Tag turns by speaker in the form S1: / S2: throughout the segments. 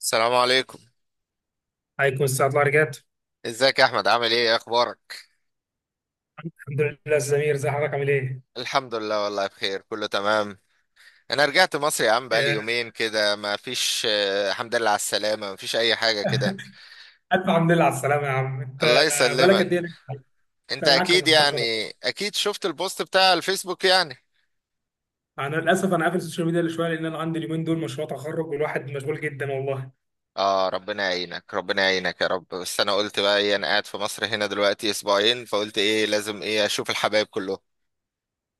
S1: السلام عليكم.
S2: عليكم الساعة الله رجعت.
S1: ازيك يا احمد؟ عامل ايه؟ ايه اخبارك؟
S2: الحمد لله الزمير زي حضرتك عامل ايه؟
S1: الحمد لله. والله بخير، كله تمام. انا رجعت مصر يا عم بقالي
S2: آه،
S1: يومين كده، ما فيش الحمد لله على السلامة، ما فيش اي حاجة كده.
S2: ألف الحمد لله على السلامة يا عم أنت
S1: الله
S2: بالك
S1: يسلمك.
S2: قد إيه لك؟
S1: انت
S2: أنا معاك
S1: اكيد
S2: مفتقدة.
S1: يعني اكيد شفت البوست بتاع الفيسبوك يعني.
S2: أنا للأسف قافل السوشيال ميديا شوية لأن أنا عندي اليومين دول مشروع تخرج والواحد مشغول جدا والله.
S1: اه، ربنا يعينك ربنا يعينك يا رب. بس انا قلت بقى ايه، انا قاعد في مصر هنا دلوقتي اسبوعين، فقلت ايه لازم ايه اشوف الحبايب كلهم.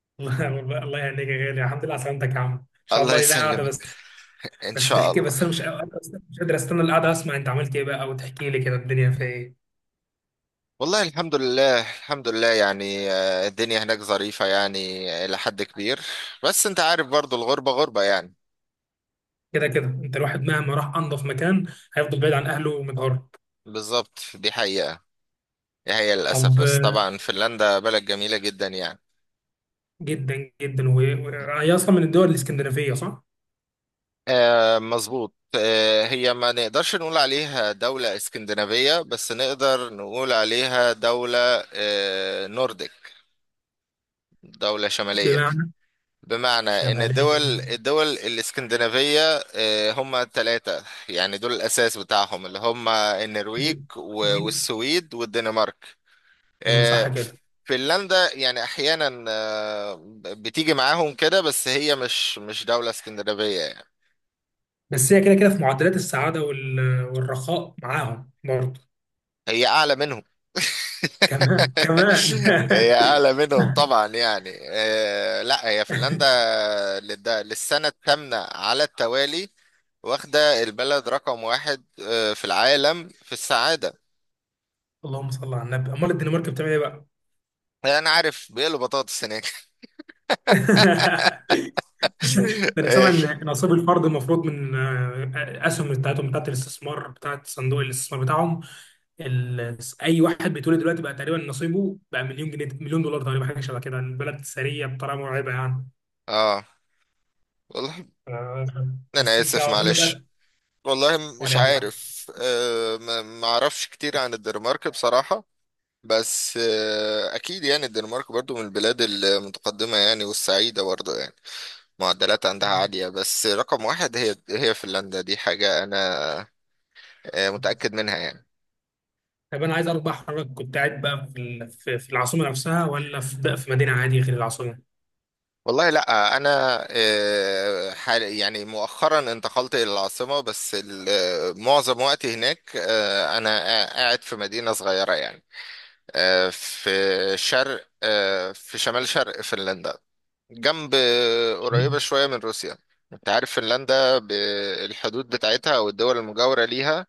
S2: الله والله الله يهنيك يا غالي، الحمد لله على سلامتك يا عم، إن شاء
S1: الله
S2: الله لنا قاعدة.
S1: يسلمك.
S2: بس
S1: ان
S2: بس
S1: شاء
S2: تحكي
S1: الله.
S2: بس أنا مش قادر أستنى القعدة أسمع أنت عملت إيه بقى وتحكي لي كده الدنيا فيها إيه.
S1: والله الحمد لله الحمد لله يعني، الدنيا هناك ظريفة يعني إلى حد كبير. بس أنت عارف برضو، الغربة غربة يعني.
S2: كده كده أنت الواحد مهما راح أنظف مكان هيفضل بعيد عن أهله ومتغرب.
S1: بالظبط، دي حقيقة. دي حقيقة للأسف،
S2: طب
S1: بس طبعا فنلندا بلد جميلة جدا يعني.
S2: جدا جدا وهي اصلا من الدول الاسكندنافيه صح؟
S1: آه، مظبوط. هي ما نقدرش نقول عليها دولة اسكندنافية، بس نقدر نقول عليها دولة نورديك، دولة شمالية.
S2: بمعنى
S1: بمعنى ان
S2: شماليه.
S1: الدول الاسكندنافية، هم ثلاثة، يعني دول الاساس بتاعهم اللي هم النرويج
S2: سو- سويد.
S1: والسويد والدنمارك.
S2: صح
S1: آه،
S2: كده.
S1: فنلندا يعني احيانا بتيجي معاهم كده، بس هي مش دولة اسكندنافية يعني.
S2: بس هي كده كده في معدلات السعاده والرخاء معاهم برضه.
S1: هي اعلى منهم.
S2: كمان كمان.
S1: هي اعلى منهم طبعا يعني، لا، هي فنلندا للسنة الثامنة على التوالي واخدة البلد رقم واحد في العالم في السعادة.
S2: اللهم صل على النبي، امال الدنمارك بتعمل ايه بقى؟
S1: يعني أنا عارف بيقلوا بطاطس هناك.
S2: ده انا سامع
S1: إيه.
S2: ان نصيب الفرد المفروض من اسهم بتاعتهم بتاعت الاستثمار بتاعت صندوق الاستثمار بتاعهم. اي واحد بيتولد دلوقتي بقى تقريبا نصيبه بقى مليون جنيه، مليون دولار تقريبا، حاجه شبه كده. البلد ثريه بطريقه مرعبه يعني.
S1: اه والله.
S2: بس
S1: أنا
S2: انت
S1: آسف
S2: اظن
S1: معلش.
S2: بقى.
S1: والله مش
S2: ولا ينفع.
S1: عارف، ما أعرفش كتير عن الدنمارك بصراحة. بس أكيد يعني الدنمارك برضو من البلاد المتقدمة يعني، والسعيدة برضو يعني. معدلات عندها عالية، بس رقم واحد هي فنلندا، دي حاجة أنا متأكد منها يعني.
S2: طب انا عايز اعرف بقى حضرتك كنت قاعد بقى في العاصمه نفسها ولا في بقى في مدينه عادي غير العاصمه.
S1: والله، لا انا حال يعني مؤخرا انتقلت الى العاصمه، بس معظم وقتي هناك انا قاعد في مدينه صغيره يعني، في شرق في شمال شرق فنلندا، جنب قريبه شويه من روسيا. انت عارف فنلندا بالحدود بتاعتها او الدول المجاوره ليها.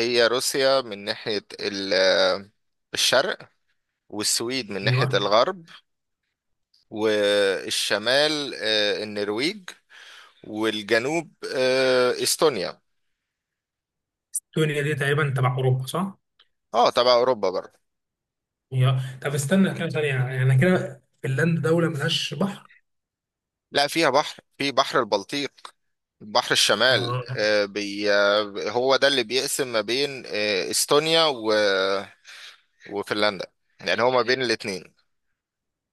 S1: هي روسيا من ناحيه الشرق، والسويد من
S2: ايوه.
S1: ناحيه الغرب، والشمال النرويج، والجنوب استونيا.
S2: استونيا دي تقريبا تبع اوروبا صح؟
S1: اه، تبع اوروبا برضه.
S2: هي طب استنى كده ثانيه، يعني انا كده فنلندا دوله ملهاش بحر.
S1: لا، فيها بحر، في بحر البلطيق، بحر الشمال.
S2: اه
S1: آه، بي آه، هو ده اللي بيقسم ما بين استونيا وفنلندا، يعني هو ما بين الاتنين.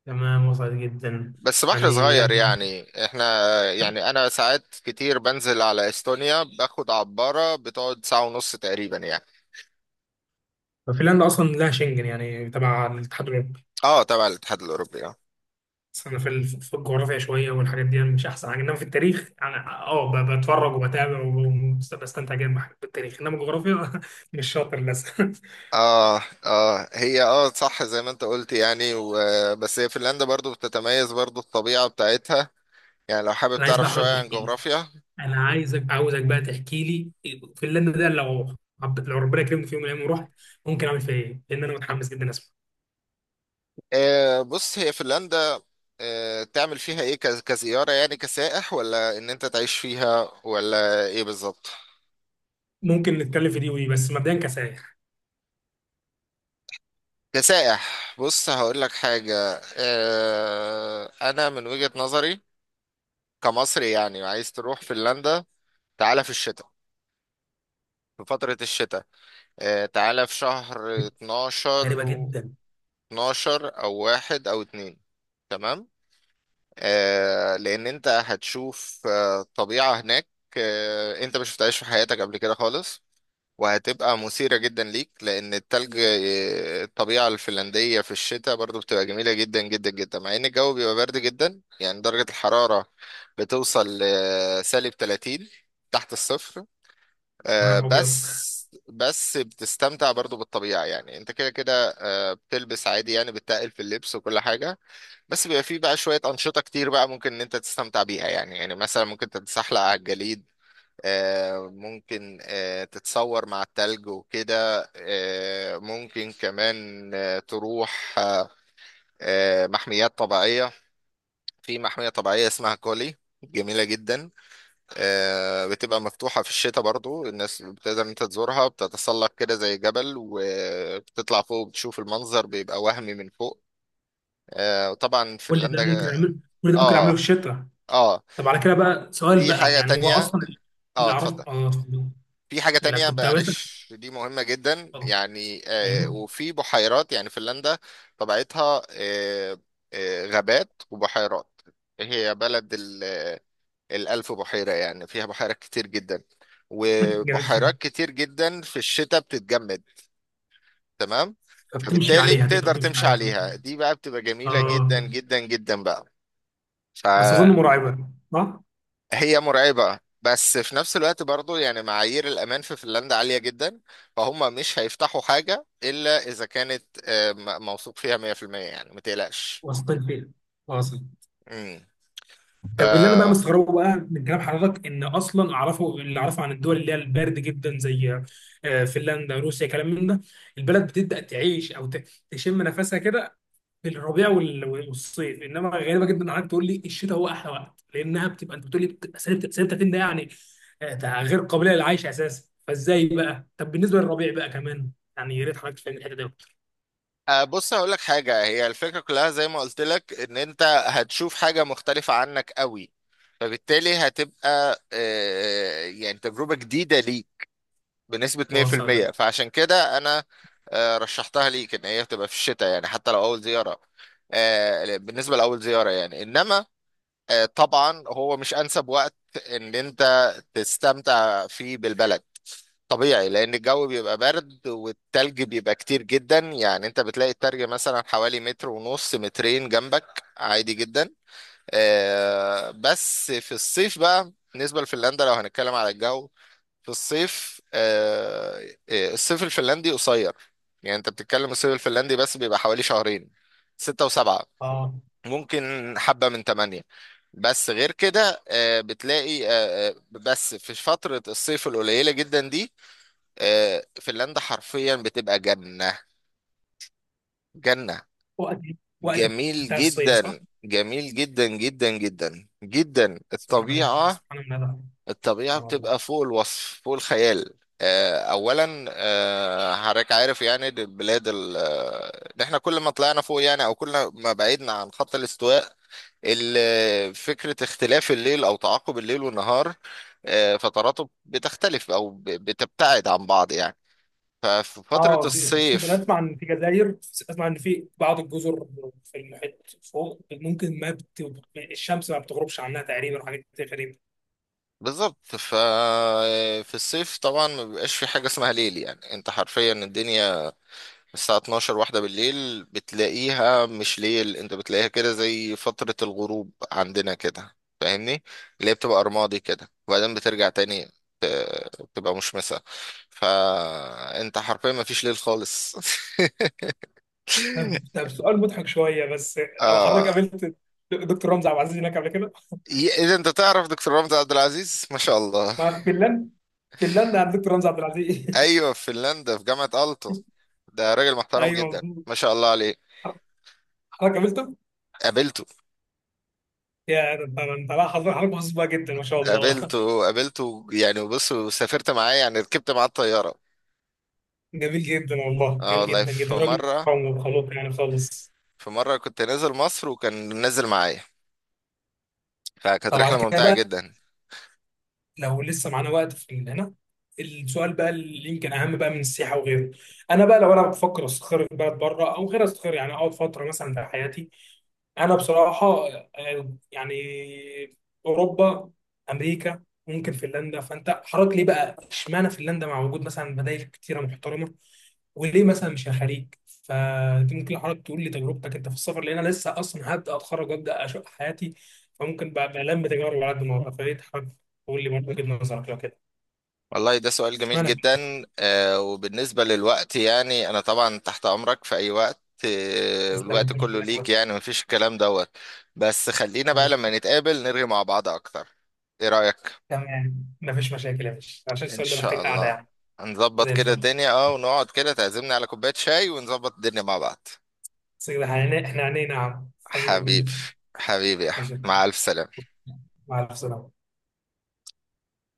S2: تمام، وصلت جدا.
S1: بس بحر
S2: يعني
S1: صغير
S2: يعني
S1: يعني، احنا يعني انا ساعات كتير بنزل على استونيا، باخد عبارة بتقعد ساعة ونص تقريبا يعني.
S2: فنلندا اصلا لها شنجن يعني تبع الاتحاد الاوروبي.
S1: اه، تبع الاتحاد الاوروبي
S2: بس انا في الجغرافيا شويه والحاجات دي أنا مش احسن حاجه، انما في التاريخ انا اه بتفرج وبتابع وبستمتع جدا بالتاريخ، انما الجغرافيا مش شاطر للاسف.
S1: اه اه، هي صح زي ما انت قلت يعني بس هي فنلندا برضو بتتميز برضو الطبيعة بتاعتها، يعني لو حابب
S2: انا عايز بقى
S1: تعرف
S2: احمد
S1: شوية عن
S2: تحكي لي،
S1: جغرافيا.
S2: انا عاوزك بقى تحكي لي فنلندا ده، لو لو ربنا كرمني في يوم من الايام ورحت ممكن اعمل فيها ايه، لان انا متحمس جدا اسمع.
S1: بص، هي فنلندا. تعمل فيها ايه كزيارة، يعني كسائح، ولا ان انت تعيش فيها، ولا ايه بالظبط؟
S2: ممكن نتكلم في دي ودي، بس مبدئيا كسائح.
S1: كسائح، بص هقول لك حاجة. انا من وجهة نظري كمصري يعني، عايز تروح فنلندا، تعالى في الشتاء، في فترة الشتاء، تعالى في شهر 12،
S2: غريبه جدا.
S1: 12 او واحد او اتنين، تمام. لان انت هتشوف طبيعة هناك انت ما شفتهاش في حياتك قبل كده خالص، وهتبقى مثيرة جدا ليك، لان التلج الطبيعة الفنلندية في الشتاء برضو بتبقى جميلة جدا جدا جدا، مع ان الجو بيبقى برد جدا، يعني درجة الحرارة بتوصل لسالب 30 تحت الصفر. آه،
S2: مع ابيض.
S1: بس بس بتستمتع برضو بالطبيعة، يعني انت كده كده بتلبس عادي يعني، بتتقل في اللبس وكل حاجة. بس بيبقى فيه بقى شوية أنشطة كتير بقى ممكن ان انت تستمتع بيها، يعني يعني مثلا ممكن تتزحلق على الجليد، ممكن تتصور مع التلج وكده، ممكن كمان تروح محميات طبيعية. في محمية طبيعية اسمها كولي، جميلة جدا، بتبقى مفتوحة في الشتاء برضو. الناس بتقدر إن انت تزورها، بتتسلق كده زي جبل وبتطلع فوق، وبتشوف المنظر بيبقى وهمي من فوق. وطبعا
S2: كل ده
S1: فنلندا.
S2: ممكن اعمله، كل ده ممكن اعمله في
S1: اه
S2: الشتاء.
S1: اه،
S2: طب على كده بقى سؤال
S1: في
S2: بقى،
S1: حاجة
S2: يعني هو
S1: تانية.
S2: اصلا
S1: اه،
S2: اللي اعرفه.
S1: اتفضل.
S2: اه اتفضل.
S1: في حاجة
S2: لا
S1: تانية،
S2: كنت عاوز.
S1: معلش، دي مهمة جدا
S2: اتفضل.
S1: يعني.
S2: ايوه.
S1: وفي بحيرات، يعني فنلندا طبيعتها غابات وبحيرات. هي بلد الألف بحيرة، يعني فيها بحيرات كتير جدا،
S2: جميل جدا.
S1: وبحيرات كتير جدا في الشتاء بتتجمد، تمام.
S2: فبتمشي
S1: فبالتالي
S2: عليها،
S1: بتقدر
S2: تقدر تمشي
S1: تمشي
S2: عليها بقى.
S1: عليها، دي بقى بتبقى جميلة
S2: اه
S1: جدا جدا جدا بقى.
S2: بس
S1: فهي
S2: اظن مرعبه صح؟
S1: مرعبة، بس في نفس الوقت برضو يعني معايير الأمان في فنلندا عالية جدا، فهم مش هيفتحوا حاجة إلا إذا كانت موثوق فيها 100%، يعني ما تقلقش.
S2: وسطين فيها. واصل.
S1: مم.
S2: طب اللي انا بقى
S1: آه،
S2: مستغربه بقى من كلام حضرتك ان اصلا اعرفه، اللي اعرفه عن الدول اللي هي البارد جدا زي فنلندا روسيا كلام من ده، البلد بتبدا تعيش تشم نفسها كده في الربيع والصيف، انما غريبه جدا انك تقول لي الشتاء هو احلى وقت، لانها بتبقى، انت بتقول لي بتبقى سالب 30 ده يعني، ده غير قابله للعيش اساسا، فازاي بقى؟ طب بالنسبه للربيع بقى كمان، يعني يا ريت حضرتك تفهم الحته دي أكتر.
S1: أه بص هقول لك حاجة. هي الفكرة كلها زي ما قلت لك ان انت هتشوف حاجة مختلفة عنك قوي، فبالتالي هتبقى يعني تجربة جديدة ليك بنسبة
S2: واصل.
S1: 100%. فعشان كده انا رشحتها ليك ان هي تبقى في الشتاء، يعني حتى لو اول زيارة. بالنسبة لأول زيارة يعني، انما طبعا هو مش انسب وقت ان انت تستمتع فيه بالبلد، طبيعي، لان الجو بيبقى برد والتلج بيبقى كتير جدا، يعني انت بتلاقي التلج مثلا حوالي متر ونص مترين جنبك عادي جدا. بس في الصيف بقى، بالنسبة لفنلندا لو هنتكلم على الجو. في الصيف الصيف الفنلندي قصير، يعني انت بتتكلم الصيف الفنلندي بس بيبقى حوالي شهرين، ستة وسبعة،
S2: اه
S1: ممكن حبة من تمانية. بس غير كده بتلاقي بس في فترة الصيف القليلة جدا دي، فنلندا حرفيا بتبقى جنة، جنة،
S2: وقت وقت
S1: جميل
S2: بتاع الصيف صح؟
S1: جدا جميل جدا جدا جدا جدا
S2: سبحان الله،
S1: الطبيعة.
S2: سبحان الله ده.
S1: الطبيعة
S2: سبحان الله.
S1: بتبقى فوق الوصف فوق الخيال. أولا حضرتك عارف يعني دي البلاد إن احنا كل ما طلعنا فوق يعني، أو كل ما بعدنا عن خط الاستواء، فكرة اختلاف الليل أو تعاقب الليل والنهار فتراته بتختلف أو بتبتعد عن بعض يعني. ففي فترة
S2: اه في، خصوصا انا
S1: الصيف
S2: اسمع ان في جزائر، اسمع ان في بعض الجزر في المحيط فوق ممكن ما بت... الشمس ما بتغربش عنها تقريبا، وحاجات كتير غريبه.
S1: بالظبط. ففي الصيف طبعا ما بيبقاش في حاجة اسمها ليل، يعني انت حرفيا الدنيا الساعة 12 واحدة بالليل بتلاقيها مش ليل، انت بتلاقيها كده زي فترة الغروب عندنا كده، فاهمني؟ اللي هي بتبقى رمادي كده، وبعدين بترجع تاني تبقى مشمسة. فانت حرفيا ما فيش ليل خالص.
S2: طب طب سؤال مضحك شويه بس، او حضرتك
S1: اه.
S2: قابلت دكتور رمزي عبد العزيز هناك قبل كده؟
S1: اذا انت تعرف دكتور رمزي عبد العزيز، ما شاء الله.
S2: ما في فنلندا، فنلندا عند دكتور رمزي عبد العزيز.
S1: ايوه، في فنلندا في جامعة ألتو، ده راجل محترم
S2: ايوه
S1: جدا
S2: مظبوط.
S1: ما شاء الله عليه.
S2: حضرتك قابلته؟
S1: قابلته.
S2: يا ده انت، لا حضرتك محظوظ بقى جدا ما شاء الله.
S1: قابلته. قابلته يعني، بص سافرت معاه يعني، ركبت معاه الطيارة.
S2: جميل جدا والله،
S1: اه
S2: جميل
S1: والله
S2: جدا جدا، راجل محترم وخلوق يعني خالص.
S1: في مرة كنت نازل مصر وكان نازل معايا، فكانت
S2: طب على
S1: رحلة
S2: كده
S1: ممتعة
S2: بقى،
S1: جدا.
S2: لو لسه معانا وقت هنا، السؤال بقى اللي يمكن اهم بقى من السياحه وغيره، انا بقى لو انا بفكر استقر في بلد بره او غير استقر، يعني اقعد فتره مثلا في حياتي. انا بصراحه يعني اوروبا، امريكا، ممكن فنلندا، فانت حضرتك ليه بقى اشمعنى فنلندا مع وجود مثلا بدائل كتيره محترمه، وليه مثلا مش الخليج. فدي ممكن حضرتك تقول لي تجربتك انت في السفر، لان انا لسه اصلا هبدا اتخرج وابدا اشق حياتي، فممكن بقى الم تجارب على قد ما اقدر. فليه حضرتك تقول لي برضه وجهه نظرك لو كده؟
S1: والله ده سؤال جميل
S2: اشمعنى
S1: جدا. وبالنسبة للوقت يعني، أنا طبعا تحت أمرك في أي وقت،
S2: فنلندا
S1: الوقت
S2: ما فيش
S1: كله
S2: منك
S1: ليك
S2: أبدا.
S1: يعني، مفيش الكلام دوت. بس خلينا بقى لما نتقابل نرغي مع بعض أكتر. إيه رأيك؟
S2: تمام مفيش مشاكل يا باشا، عشان
S1: إن
S2: السؤال ده
S1: شاء
S2: محتاج قعده
S1: الله.
S2: يعني.
S1: هنظبط
S2: زي
S1: كده
S2: الفل.
S1: الدنيا ونقعد كده تعزمني على كوباية شاي، ونظبط الدنيا مع بعض.
S2: بس كده احنا إحنا عينينا يا عم، حبيبك
S1: حبيبي.
S2: كبير.
S1: حبيبي يا أحمد.
S2: ماشي،
S1: مع ألف سلامة.
S2: مع السلامة.